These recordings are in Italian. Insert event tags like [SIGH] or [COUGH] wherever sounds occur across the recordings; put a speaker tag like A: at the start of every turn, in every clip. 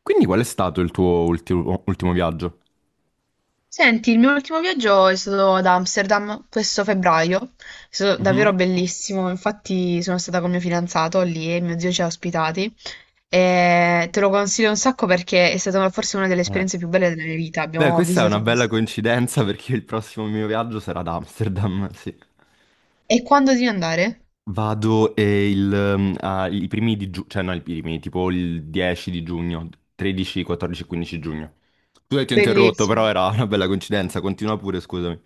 A: Quindi qual è stato il tuo ultimo viaggio?
B: Senti, il mio ultimo viaggio è stato ad Amsterdam questo febbraio, è stato
A: Mhm.
B: davvero bellissimo, infatti sono stata con mio fidanzato lì e mio zio ci ha ospitati e te lo consiglio un sacco perché è stata forse una delle
A: Eh.
B: esperienze più belle della mia vita,
A: Beh,
B: abbiamo
A: questa è una
B: visitato...
A: bella coincidenza perché il prossimo mio viaggio sarà ad Amsterdam, [LAUGHS] sì.
B: E quando devi andare?
A: Vado il, i primi di giugno, cioè no, i primi, tipo il 10 di giugno, 13, 14, 15 giugno. Tu ti ho interrotto, però
B: Bellissimo.
A: era una bella coincidenza, continua pure, scusami.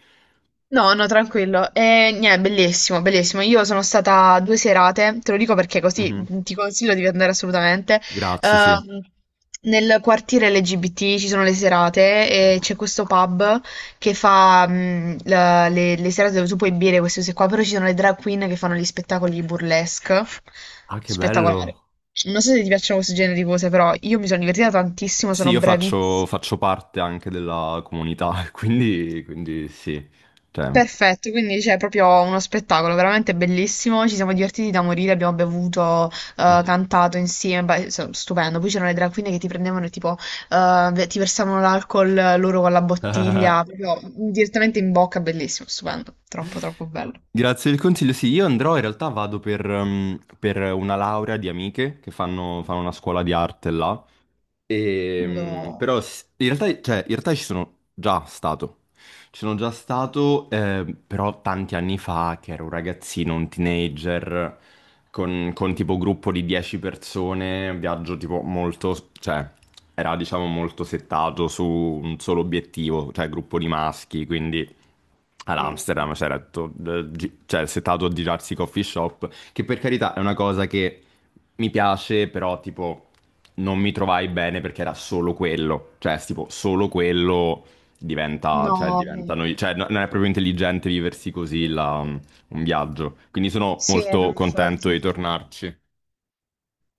B: No, no, tranquillo. E niente, bellissimo, bellissimo. Io sono stata due serate, te lo dico perché così
A: Mhm.
B: ti consiglio di andare assolutamente.
A: Grazie, sì.
B: Ehm, Nel quartiere LGBT ci sono le serate e
A: Mhm.
B: c'è questo pub che fa le serate dove tu puoi bere queste cose qua, però ci sono le drag queen che fanno gli spettacoli burlesque.
A: Ah, che
B: Spettacolare.
A: bello.
B: Non so se ti piacciono questo genere di cose, però io mi sono divertita tantissimo,
A: Sì,
B: sono
A: io faccio,
B: bravissima.
A: faccio parte anche della comunità, [LAUGHS] quindi, quindi sì. Cioè,
B: Perfetto, quindi c'è proprio uno spettacolo veramente bellissimo, ci siamo divertiti da morire, abbiamo bevuto,
A: Mhm.
B: cantato insieme, beh, so- stupendo. Poi c'erano le drag queen che ti prendevano e tipo ti versavano l'alcol loro con la bottiglia,
A: [LAUGHS]
B: proprio direttamente in bocca, bellissimo, stupendo, troppo troppo bello.
A: Grazie del consiglio. Sì, io andrò, in realtà vado per una laurea di amiche che fanno una scuola di arte là.
B: Vado...
A: Però in realtà, cioè, in realtà ci sono già stato. Ci sono già stato, però tanti anni fa, che ero un ragazzino, un teenager, con tipo gruppo di 10 persone, un viaggio tipo molto, cioè, era diciamo molto settato su un solo obiettivo, cioè gruppo di maschi, quindi ad
B: Mm.
A: Amsterdam c'era tutto, cioè, settato a girarsi i coffee shop, che per carità è una cosa che mi piace, però tipo non mi trovai bene perché era solo quello, cioè tipo solo quello diventa, cioè,
B: No, no.
A: cioè, non è proprio intelligente viversi così un viaggio, quindi sono
B: Sì, no,
A: molto contento
B: infatti.
A: di tornarci.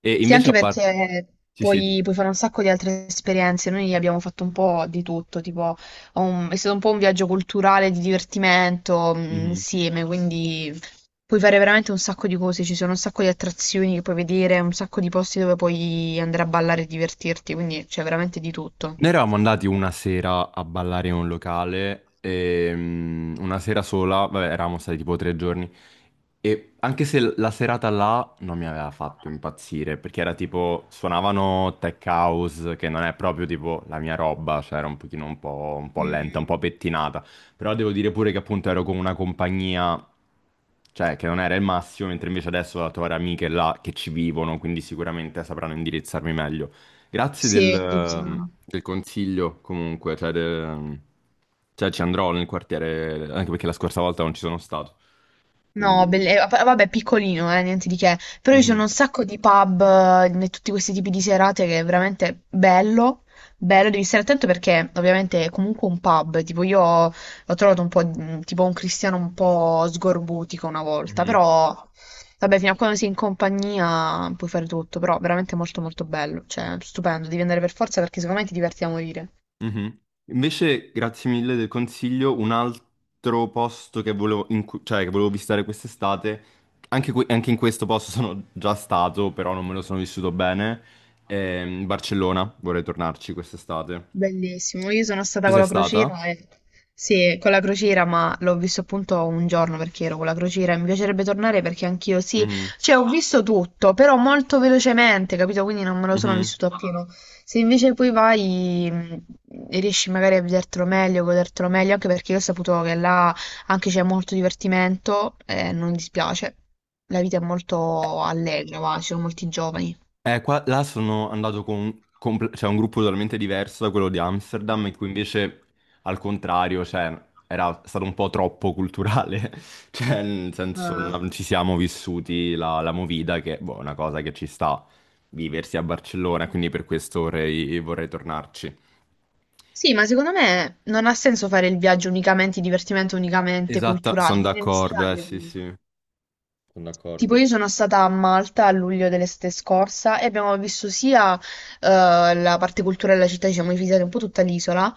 A: E
B: Sì,
A: invece
B: anche
A: a parte...
B: perché
A: Sì, sì,
B: puoi fare un sacco di altre esperienze. Noi abbiamo fatto un po' di tutto, tipo, un- è stato un po' un viaggio culturale di divertimento,
A: di...
B: insieme, quindi puoi fare veramente un sacco di cose. Ci sono un sacco di attrazioni che puoi vedere, un sacco di posti dove puoi andare a ballare e divertirti, quindi c'è veramente di tutto.
A: Noi eravamo andati una sera a ballare in un locale, e, una sera sola, vabbè, eravamo stati tipo tre giorni, e anche se la serata là non mi aveva fatto impazzire, perché era tipo, suonavano tech house, che non è proprio tipo la mia roba, cioè era un pochino un po' lenta, un po'
B: Mm,
A: pettinata, però devo dire pure che appunto ero con una compagnia, cioè che non era il massimo, mentre invece adesso ho la tua amiche là che ci vivono, quindi sicuramente sapranno indirizzarmi meglio. Grazie del,
B: sì, diciamo.
A: del consiglio comunque, cioè, del- cioè, ci andrò nel quartiere, anche perché la scorsa volta non ci sono stato,
B: No,
A: quindi...
B: belle- va- vabbè, piccolino, niente di che. Però ci sono
A: Mhm,
B: un sacco di pub e tutti questi tipi di serate che è veramente bello. Bello, devi stare attento perché ovviamente è comunque un pub. Tipo, io l'ho trovato un po' tipo un cristiano un po' sgorbutico una volta.
A: mhm,
B: Però, vabbè, fino a quando sei in compagnia puoi fare tutto. Però veramente molto molto bello. Cioè, stupendo, devi andare per forza perché secondo me ti diverti a morire.
A: mhm. Invece, grazie mille del consiglio, un altro posto che volevo, in cui- cioè, che volevo visitare quest'estate, anche, anche in questo posto sono già stato, però non me lo sono vissuto bene, Barcellona, vorrei tornarci quest'estate.
B: Bellissimo, io sono stata
A: Tu
B: con
A: sei
B: la
A: stata?
B: crociera e... Sì, con la crociera, ma l'ho visto appunto un giorno perché ero con la crociera e mi piacerebbe tornare perché anch'io sì,
A: Mhm,
B: cioè ho visto tutto, però molto velocemente, capito? Quindi non me lo sono
A: mhm.
B: vissuto appieno. Se invece poi vai e riesci magari a vedertelo meglio, godertelo meglio, anche perché io ho saputo che là anche c'è molto divertimento e non dispiace. La vita è molto allegra, va, ci sono molti giovani.
A: Qua, là sono andato con, cioè, un gruppo totalmente diverso da quello di Amsterdam, in cui invece, al contrario, cioè, era stato un po' troppo culturale, [LAUGHS] cioè, nel senso,
B: Ah.
A: non ci siamo vissuti la movida, che boh, è una cosa che ci sta viversi a Barcellona, quindi per questo vorrei tornarci.
B: Sì, ma secondo me non ha senso fare il viaggio unicamente divertimento, unicamente
A: Esatto,
B: culturale,
A: sono
B: bisogna
A: d'accordo,
B: mischiarle
A: sì,
B: comunque.
A: sì, sono
B: Tipo
A: d'accordo.
B: io sono stata a Malta a luglio dell'estate scorsa e abbiamo visto sia la parte culturale della città, ci siamo visitati un po' tutta l'isola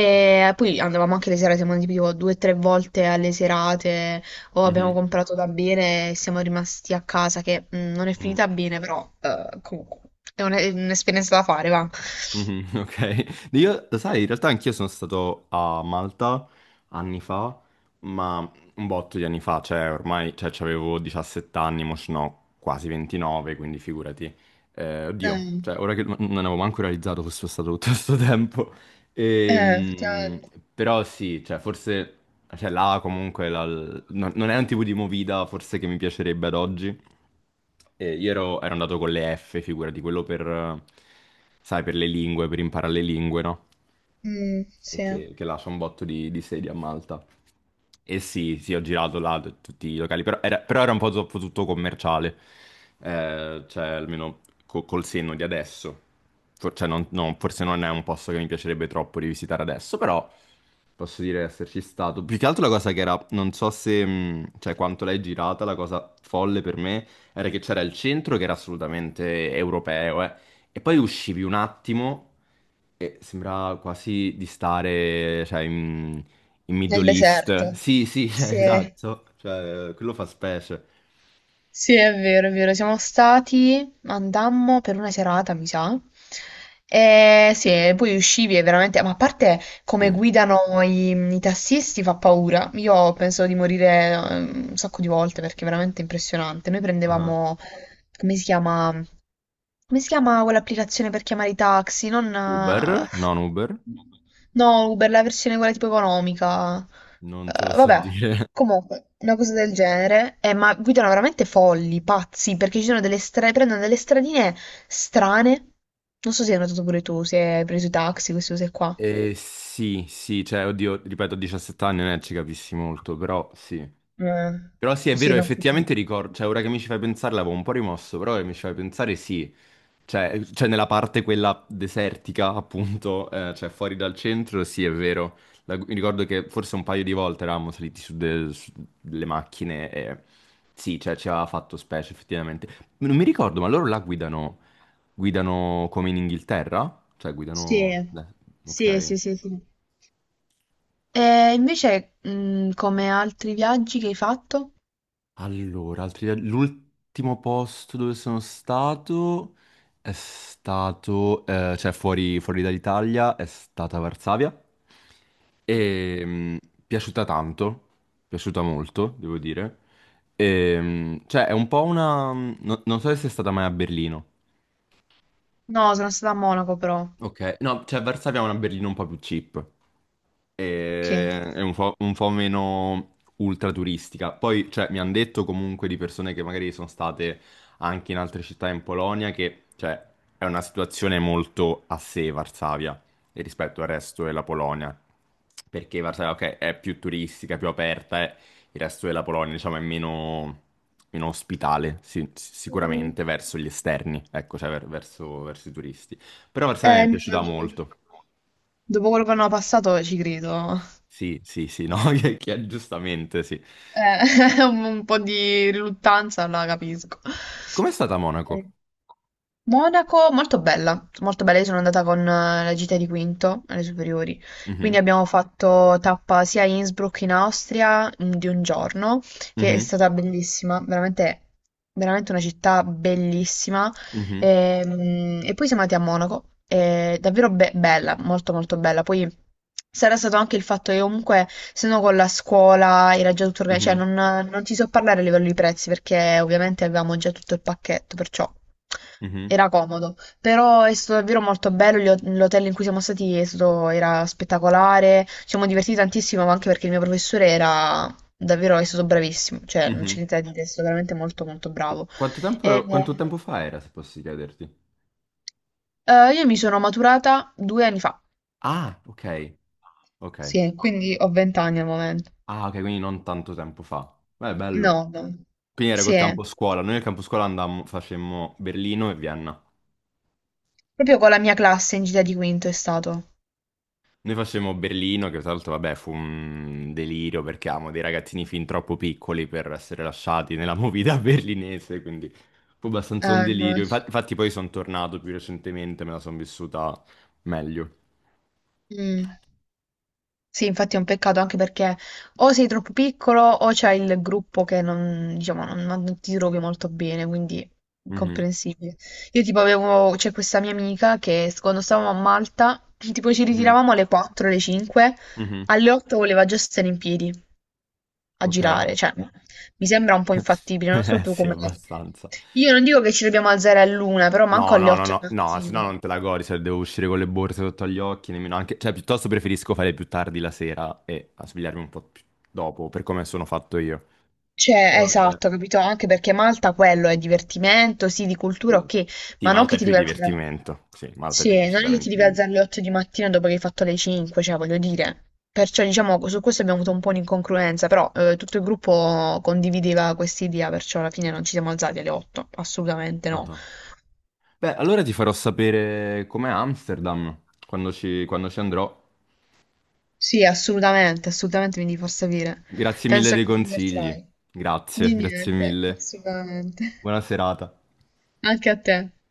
A: Mhm,
B: poi andavamo anche le serate, siamo andati tipo due o tre volte alle serate o abbiamo
A: mhm,
B: comprato da bere e siamo rimasti a casa che non è
A: mhm.
B: finita bene, però comunque è un- è un'esperienza da fare, va.
A: Mhm, [LAUGHS] ok, io, lo sai, in realtà anch'io sono stato a Malta anni fa, ma un botto di anni fa, cioè ormai, cioè avevo 17 anni, mo sono quasi 29, quindi figurati. Oddio,
B: Eh,
A: cioè ora che non avevo manco realizzato che fosse stato tutto questo [LAUGHS] tempo, Ehm,
B: effettivamente.
A: però sì, cioè forse cioè, là comunque la- non è un tipo di movida forse che mi piacerebbe ad oggi. E ero andato con le F, figurati, quello per, sai, per le lingue, per imparare le lingue, no? E
B: Sì.
A: che lascia un botto di sedi a Malta. E sì, sì, ho girato là tutti i locali, però era un po' troppo tutto commerciale, eh, cioè almeno col senno di adesso. Cioè, forse non è un posto che mi piacerebbe troppo rivisitare adesso, però posso dire di esserci stato. Più che altro la cosa che era, non so se, cioè quanto l'hai girata, la cosa folle per me era che c'era il centro che era assolutamente europeo, eh. E poi uscivi un attimo e sembrava quasi di stare, cioè, in, in
B: Nel
A: Middle East.
B: deserto.
A: Sì, sì, [LAUGHS] cioè,
B: Sì,
A: esatto. Cioè, quello fa specie.
B: sì, è vero, è vero. Siamo stati, andammo per una serata, mi sa. E sì, e poi uscivi e veramente, ma a parte come
A: Sì.
B: guidano i tassisti fa paura. Io penso di morire un sacco di volte perché è veramente impressionante. Noi
A: Ah.
B: prendevamo, come si chiama? Come si chiama quell'applicazione per chiamare i taxi? Non...
A: Uber? Non Uber?
B: no, Uber, la versione quella tipo economica.
A: Non te lo so
B: Vabbè,
A: dire. [LAUGHS]
B: comunque, una cosa del genere. Ma guidano veramente folli, pazzi, perché ci sono delle stra- prendono delle stradine strane. Non so se hai notato pure tu, se hai preso i taxi, queste cose qua.
A: Sì, sì, cioè, oddio, ripeto, a 17 anni non è che ci capissi molto, però sì.
B: Eh,
A: Però sì, è
B: sì,
A: vero,
B: no. Tipo...
A: effettivamente ricordo, cioè, ora che mi ci fai pensare l'avevo un po' rimosso, però ora che mi ci fai pensare sì. Cioè, nella parte quella desertica, appunto, cioè fuori dal centro, sì, è vero. La- mi ricordo che forse un paio di volte eravamo saliti su, su delle macchine e sì, cioè ci aveva fatto specie, effettivamente. Non mi ricordo, ma loro la guidano come in Inghilterra? Cioè, guidano...
B: Sì,
A: beh,
B: sì,
A: ok.
B: sì, sì, sì. E invece, come altri viaggi che hai fatto?
A: Allora, altri viaggi- l'ultimo posto dove sono stato è stato, cioè fuori dall'Italia, è stata Varsavia. E piaciuta tanto, piaciuta molto, devo dire. E, cioè, è un po' una... non so se è stata mai a Berlino.
B: No, sono stata a Monaco però.
A: Ok, no, cioè Varsavia è una berlina un po' più cheap.
B: Ok. Eh.
A: È un po' meno ultra turistica. Poi, cioè, mi hanno detto comunque di persone che magari sono state anche in altre città in Polonia che, cioè, è una situazione molto a sé Varsavia e rispetto al resto della Polonia. Perché Varsavia, ok, è più turistica, più aperta, e il resto della Polonia, diciamo, è meno, meno ospitale, sì,
B: Mm.
A: sicuramente verso gli esterni, ecco, cioè verso verso i turisti. Però per sé mi è piaciuta
B: Immagino.
A: molto.
B: Dopo quello che hanno passato ci credo.
A: Sì, sì, sì, no,
B: Eh,
A: [LAUGHS] che- giustamente, sì.
B: [LAUGHS] un po' di riluttanza la capisco.
A: Com'è stata a
B: Eh,
A: Monaco?
B: Monaco, molto bella, molto bella. Io sono andata con la gita di quinto alle superiori, quindi
A: Mhm,
B: abbiamo fatto tappa sia a Innsbruck in Austria di un giorno, che è
A: mhm,
B: stata bellissima, veramente, veramente una città bellissima.
A: mhm,
B: E, e poi siamo andati a Monaco, è davvero be- bella, molto molto bella. Poi sarà stato anche il fatto che comunque, se no con la scuola era già tutto organizzato,
A: mhm,
B: cioè non ti so parlare a livello di prezzi perché ovviamente avevamo già tutto il pacchetto, perciò
A: mhm,
B: era comodo. Però è stato davvero molto bello, gli ho- l'hotel in cui siamo stati è stato- era spettacolare, ci siamo divertiti tantissimo ma anche perché il mio professore era davvero, è stato bravissimo, cioè non c'è
A: mhm.
B: niente da dire, è stato veramente molto molto
A: E
B: bravo. E...
A: Quanto tempo fa era, se posso chiederti?
B: Io mi sono maturata due anni fa.
A: Ah, ok, ok.
B: Sì, quindi ho 20 anni al momento.
A: Ah, ok, quindi non tanto tempo fa. Beh, bello.
B: No, no.
A: Quindi era
B: Sì,
A: col campo scuola. Noi al campo scuola andammo, facemmo Berlino e Vienna.
B: proprio con la mia classe in gita di quinto è stato.
A: Noi facevamo Berlino, che tra l'altro, vabbè, fu un delirio perché avevamo dei ragazzini fin troppo piccoli per essere lasciati nella movida [LAUGHS] berlinese, quindi fu abbastanza un
B: No.
A: delirio. Infatti, poi sono tornato più recentemente, me la sono vissuta meglio.
B: Mm. Sì, infatti è un peccato anche perché o sei troppo piccolo o c'è il gruppo che non, diciamo, non, non ti trovi molto bene, quindi
A: Mhm,
B: incomprensibile. Io tipo avevo, c'è questa mia amica che quando stavamo a Malta, tipo ci
A: mhm,
B: ritiravamo alle 4, alle 5,
A: mhm,
B: alle 8 voleva già stare in piedi, a
A: Ok. [LAUGHS]
B: girare, cioè mi sembra un po' infattibile, non so tu
A: Sì,
B: come la vedi.
A: abbastanza.
B: Io non dico che ci dobbiamo alzare all'una, però manco
A: No,
B: alle
A: no, no,
B: 8
A: no,
B: del
A: no, se no
B: mattino.
A: non te la godi, se devo uscire con le borse sotto agli occhi, nemmeno anche... Cioè, piuttosto preferisco fare più tardi la sera e a svegliarmi un po' più dopo, per come sono fatto io.
B: Cioè,
A: Però vabbè.
B: esatto, capito? Anche perché Malta quello è divertimento, sì, di cultura,
A: Sì,
B: ok,
A: Sì,
B: ma non
A: Malta
B: che
A: è
B: ti
A: più
B: devi alzare.
A: divertimento. Sì, Malta è più
B: Sì, non è che ti
A: decisamente
B: devi
A: più...
B: alzare alle 8 di mattina dopo che hai fatto le 5, cioè, voglio dire. Perciò, diciamo, su questo abbiamo avuto un po' un'incongruenza, però tutto il gruppo condivideva questa idea, perciò alla fine non ci siamo alzati alle 8, assolutamente no.
A: Ah. Beh, allora ti farò sapere com'è Amsterdam quando ci andrò.
B: Sì, assolutamente, assolutamente mi devi far sapere.
A: Grazie mille
B: Penso
A: dei
B: che ti
A: consigli.
B: divertirai. Di
A: Grazie, grazie
B: niente,
A: mille.
B: assolutamente.
A: Buona serata.
B: [LAUGHS] Anche a te.